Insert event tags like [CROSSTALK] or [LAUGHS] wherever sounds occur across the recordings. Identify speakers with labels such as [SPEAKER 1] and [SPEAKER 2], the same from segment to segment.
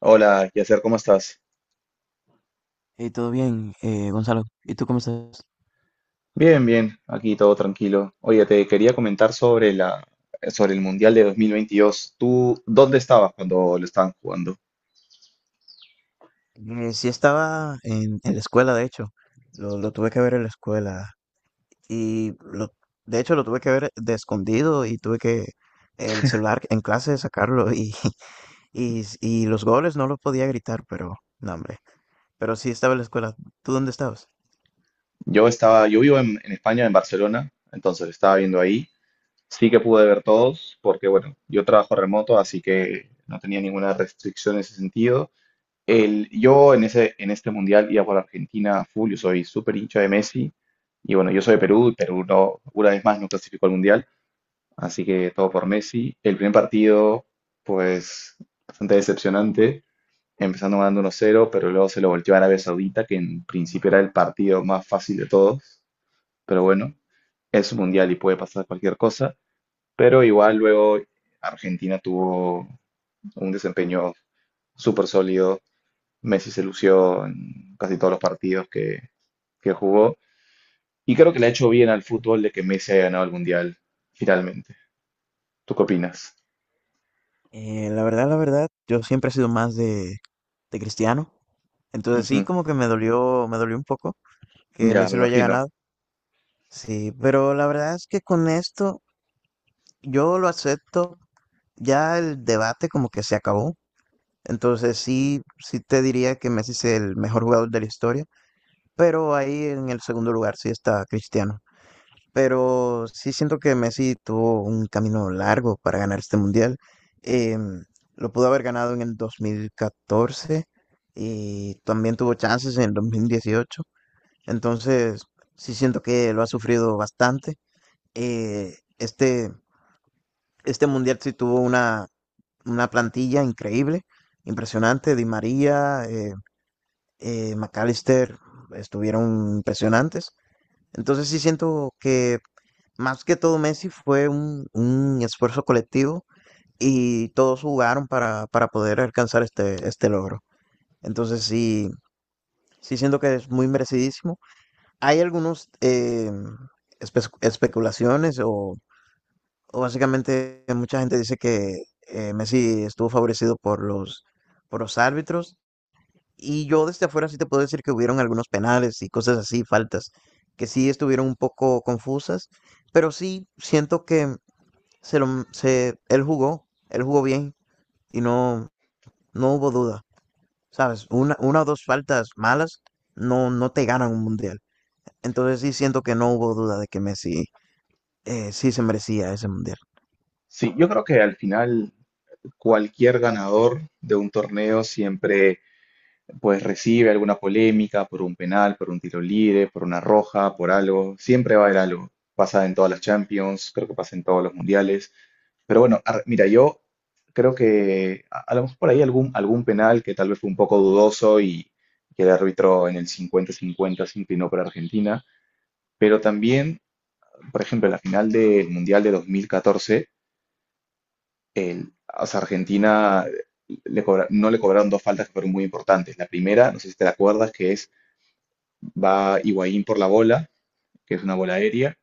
[SPEAKER 1] Hola, Yasser, ¿cómo estás?
[SPEAKER 2] Hey, todo bien, Gonzalo. ¿Y tú cómo estás?
[SPEAKER 1] Bien, bien, aquí todo tranquilo. Oye, te quería comentar sobre el Mundial de 2022. ¿Tú dónde estabas cuando lo estaban jugando?
[SPEAKER 2] Sí estaba en la escuela, de hecho, lo tuve que ver en la escuela y lo, de hecho lo tuve que ver de escondido y tuve que el celular en clase sacarlo y, [LAUGHS] y los goles no los podía gritar, pero no, hombre, pero sí estaba en la escuela. ¿Tú dónde estabas?
[SPEAKER 1] Yo vivo en, España, en Barcelona, entonces lo estaba viendo ahí. Sí que pude ver todos, porque bueno, yo trabajo remoto, así que no tenía ninguna restricción en ese sentido. Yo en este Mundial iba por Argentina a full, yo soy súper hincha de Messi, y bueno, yo soy de Perú, y Perú no, una vez más no clasificó al Mundial. Así que todo por Messi. El primer partido, pues bastante decepcionante, empezando ganando 1 cero, pero luego se lo volteó a Arabia Saudita, que en principio era el partido más fácil de todos. Pero bueno, es un mundial y puede pasar cualquier cosa. Pero igual luego Argentina tuvo un desempeño súper sólido. Messi se lució en casi todos los partidos que jugó. Y creo que le ha hecho bien al fútbol de que Messi haya ganado el mundial finalmente. ¿Tú qué opinas?
[SPEAKER 2] La verdad, yo siempre he sido más de Cristiano, entonces sí
[SPEAKER 1] Ujú.
[SPEAKER 2] como que me dolió un poco que
[SPEAKER 1] Ya, me
[SPEAKER 2] Messi lo haya
[SPEAKER 1] imagino.
[SPEAKER 2] ganado. Sí, pero la verdad es que con esto yo lo acepto, ya el debate como que se acabó, entonces sí, sí te diría que Messi es el mejor jugador de la historia, pero ahí en el segundo lugar sí está Cristiano, pero sí siento que Messi tuvo un camino largo para ganar este mundial. Em, lo pudo haber ganado en el 2014 y también tuvo chances en el 2018, entonces sí siento que lo ha sufrido bastante. eh, este, este mundial sí tuvo una plantilla increíble, impresionante. Di María, McAllister estuvieron impresionantes. Entonces sí siento que más que todo Messi fue un esfuerzo colectivo y todos jugaron para poder alcanzar este logro. Entonces sí, sí siento que es muy merecidísimo. Hay algunos especulaciones o básicamente, mucha gente dice que Messi estuvo favorecido por por los árbitros. Y yo desde afuera sí te puedo decir que hubieron algunos penales y cosas así, faltas, que sí estuvieron un poco confusas. Pero sí siento que él jugó bien y no, no hubo duda. ¿Sabes? Una o dos faltas malas no, no te ganan un mundial. Entonces sí siento que no hubo duda de que Messi sí se merecía ese mundial.
[SPEAKER 1] Sí, yo creo que al final cualquier ganador de un torneo siempre pues recibe alguna polémica por un penal, por un tiro libre, por una roja, por algo. Siempre va a haber algo. Pasa en todas las Champions, creo que pasa en todos los mundiales. Pero bueno, mira, yo creo que a lo mejor por ahí algún penal que tal vez fue un poco dudoso y que el árbitro en el 50-50 se inclinó para Argentina. Pero también, por ejemplo, en la final del Mundial de 2014, o sea, Argentina no le cobraron dos faltas que fueron muy importantes. La primera, no sé si te la acuerdas, que es va Higuaín por la bola, que es una bola aérea,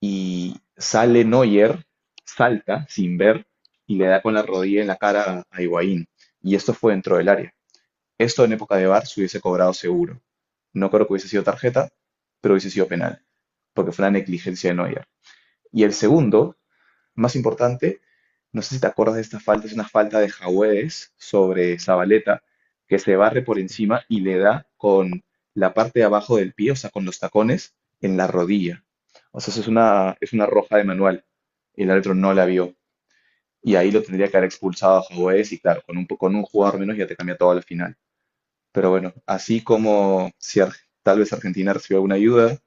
[SPEAKER 1] y sale Neuer, salta sin ver y le da con la rodilla en la cara a Higuaín. Y esto fue dentro del área. Esto en época de VAR se hubiese cobrado seguro. No creo que hubiese sido tarjeta, pero hubiese sido penal, porque fue una negligencia de Neuer. Y el segundo más importante, no sé si te acuerdas de esta falta, es una falta de Jaüez sobre Zabaleta, que se barre por encima y le da con la parte de abajo del pie, o sea, con los tacones, en la rodilla. O sea, eso es una roja de manual. El árbitro no la vio. Y ahí lo tendría que haber expulsado a Jaüez y claro, con un jugador menos ya te cambia todo al final. Pero bueno, así como si Ar- tal vez Argentina recibió alguna ayuda,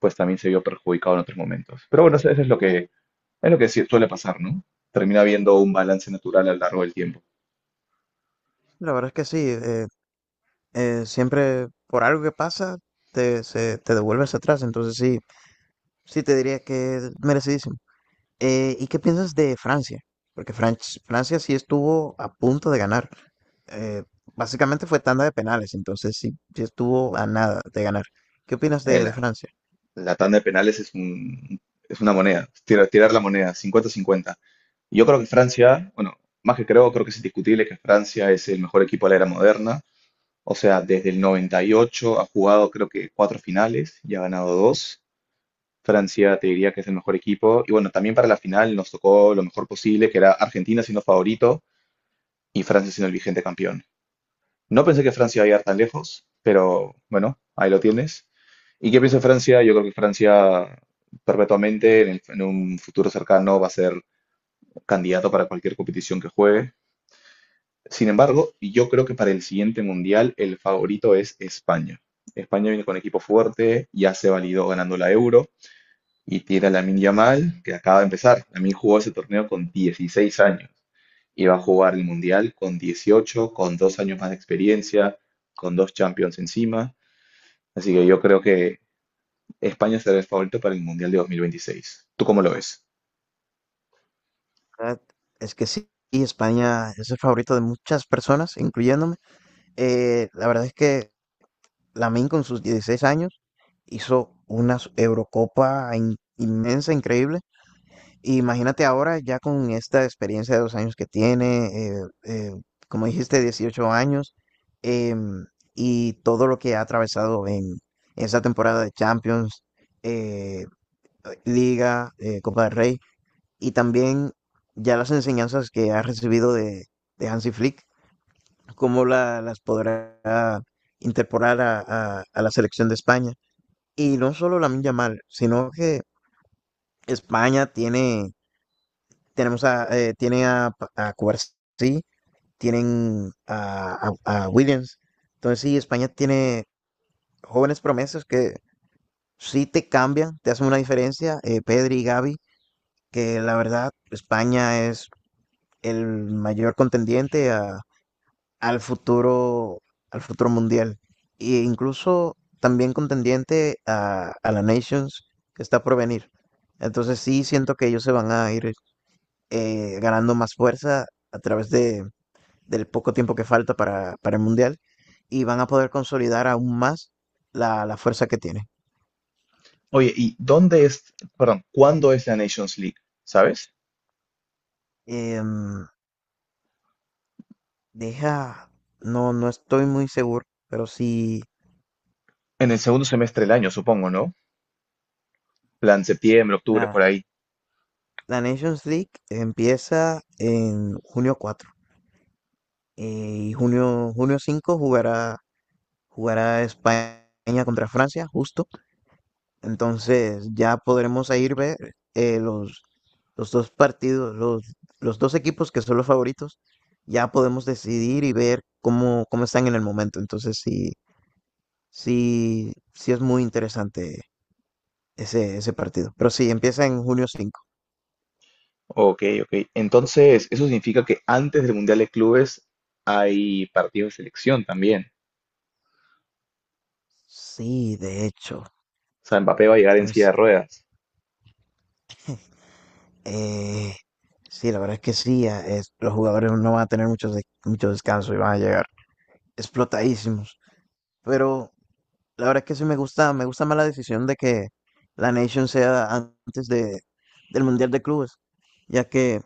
[SPEAKER 1] pues también se vio perjudicado en otros momentos. Pero bueno, eso es lo que sí suele pasar, ¿no? Termina habiendo un balance natural a lo largo del tiempo.
[SPEAKER 2] La verdad es que sí, siempre por algo que pasa te devuelves atrás, entonces sí, sí te diría que es merecidísimo. ¿Y qué piensas de Francia? Porque Francia sí estuvo a punto de ganar. Eh, Básicamente fue tanda de penales, entonces sí, sí estuvo a nada de ganar. ¿Qué opinas de
[SPEAKER 1] La,
[SPEAKER 2] Francia?
[SPEAKER 1] la tanda de penales es es una moneda, tirar la moneda, 50-50. Yo creo que Francia, bueno, más que creo, creo que es indiscutible que Francia es el mejor equipo de la era moderna. O sea, desde el 98 ha jugado creo que cuatro finales y ha ganado dos. Francia te diría que es el mejor equipo. Y bueno, también para la final nos tocó lo mejor posible, que era Argentina siendo favorito y Francia siendo el vigente campeón. No pensé que Francia iba a llegar tan lejos, pero bueno, ahí lo tienes. ¿Y qué pienso de Francia? Yo creo que Francia perpetuamente en un futuro cercano va a ser candidato para cualquier competición que juegue. Sin embargo, yo creo que para el siguiente mundial el favorito es España. España viene con equipo fuerte, ya se validó ganando la Euro y tiene a Lamine Yamal, que acaba de empezar. Lamine jugó ese torneo con 16 años. Iba a jugar el Mundial con 18, con dos años más de experiencia, con dos Champions encima. Así que yo creo que España será el favorito para el Mundial de 2026. ¿Tú cómo lo ves?
[SPEAKER 2] Ah, es que sí, España es el favorito de muchas personas, incluyéndome. La verdad es que Lamine con sus 16 años hizo Eurocopa inmensa, increíble. Y imagínate ahora ya con esta experiencia de 2 años que tiene, como dijiste, 18 años, em, y todo lo que ha atravesado en esa temporada de Champions, eh, Liga, Copa del Rey, y también ya las enseñanzas que ha recibido de Hansi Flick, cómo las podrá incorporar a la selección de España. Y no solo la Lamine mal, sino que España tiene, tenemos a Cubarsí, tienen a Williams. Entonces sí, España tiene jóvenes promesas que sí te cambian, te hacen una diferencia, Pedri y Gavi, que la verdad España es el mayor contendiente al futuro, al futuro mundial. E incluso también contendiente a la Nations que está por venir. Entonces sí siento que ellos se van a ir ganando más fuerza a través del poco tiempo que falta para el mundial y van a poder consolidar aún más la fuerza que tiene.
[SPEAKER 1] Oye, ¿y dónde es, perdón, cuándo es la Nations League? ¿Sabes?
[SPEAKER 2] Em, Deja, no, no estoy muy seguro, pero sí,
[SPEAKER 1] En el segundo semestre del
[SPEAKER 2] sí
[SPEAKER 1] año,
[SPEAKER 2] es
[SPEAKER 1] supongo, ¿no? Plan septiembre, octubre, por
[SPEAKER 2] una,
[SPEAKER 1] ahí.
[SPEAKER 2] la Nations League empieza en 4 de junio junio 5 jugará, jugará España contra Francia, justo. Entonces ya podremos ahí ver eh, los, los dos partidos, los dos equipos que son los favoritos. Ya podemos decidir y ver cómo, cómo están en el momento. Entonces sí, sí, sí es muy interesante ese partido. Pero sí, empieza en 5 de junio.
[SPEAKER 1] Ok, ok. Entonces, eso significa que antes del Mundial de Clubes hay partidos de selección también.
[SPEAKER 2] Sí, de hecho.
[SPEAKER 1] O sea, Mbappé va a llegar en silla de
[SPEAKER 2] Entonces,
[SPEAKER 1] ruedas.
[SPEAKER 2] Eh, sí, la verdad es que sí, los jugadores no van a tener mucho descanso y van a llegar explotadísimos. Pero la verdad es que sí me gusta más la decisión de que la Nation sea antes del Mundial de Clubes, ya que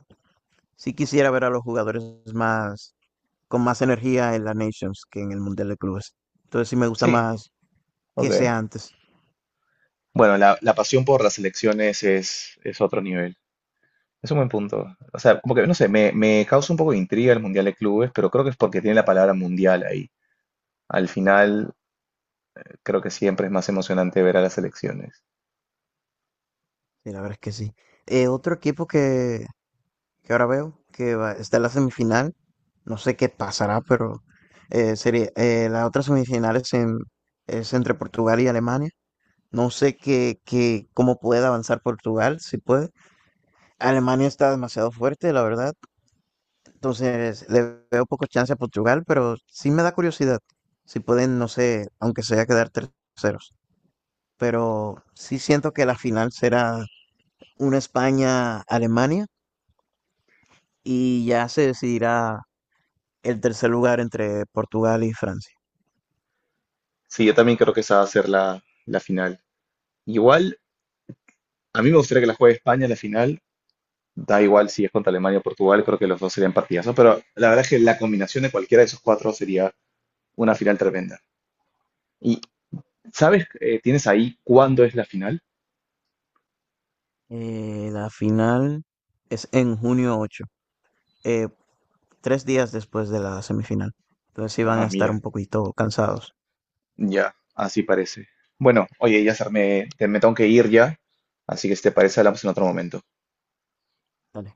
[SPEAKER 2] sí quisiera ver a los jugadores más, con más energía en la Nations que en el Mundial de Clubes. Entonces sí me gusta
[SPEAKER 1] Sí,
[SPEAKER 2] más que
[SPEAKER 1] ok.
[SPEAKER 2] sea antes.
[SPEAKER 1] Bueno, la pasión por las elecciones es otro nivel. Es un buen punto. O sea, como que, no sé, me causa un poco de intriga el Mundial de Clubes, pero creo que es porque tiene la palabra mundial ahí. Al final, creo que siempre es más emocionante ver a las elecciones.
[SPEAKER 2] Sí, la verdad es que sí. Otro equipo que ahora veo que está en la semifinal. No sé qué pasará, pero la otra semifinal es entre Portugal y Alemania. No sé qué, qué, cómo puede avanzar Portugal, si puede. Alemania está demasiado fuerte, la verdad. Entonces le veo poco chance a Portugal, pero sí me da curiosidad. Si pueden, no sé, aunque sea quedar terceros. Pero sí siento que la final será una España-Alemania y ya se decidirá el tercer lugar entre Portugal y Francia.
[SPEAKER 1] Sí, yo también creo que esa va a ser la, la final. Igual, a mí me gustaría que la juegue España en la final. Da igual si es contra Alemania o Portugal, creo que los dos serían partidazos, pero la verdad es que la combinación de cualquiera de esos cuatro sería una final tremenda. ¿Y sabes, tienes ahí cuándo es la final?
[SPEAKER 2] La final es en 8 de junio, eh, tres días después de la semifinal. Entonces sí van
[SPEAKER 1] Ah,
[SPEAKER 2] a estar
[SPEAKER 1] mira,
[SPEAKER 2] un poquito cansados.
[SPEAKER 1] ya, así parece. Bueno, oye, ya me tengo que ir ya, así que si te parece hablamos en otro momento.
[SPEAKER 2] Dale.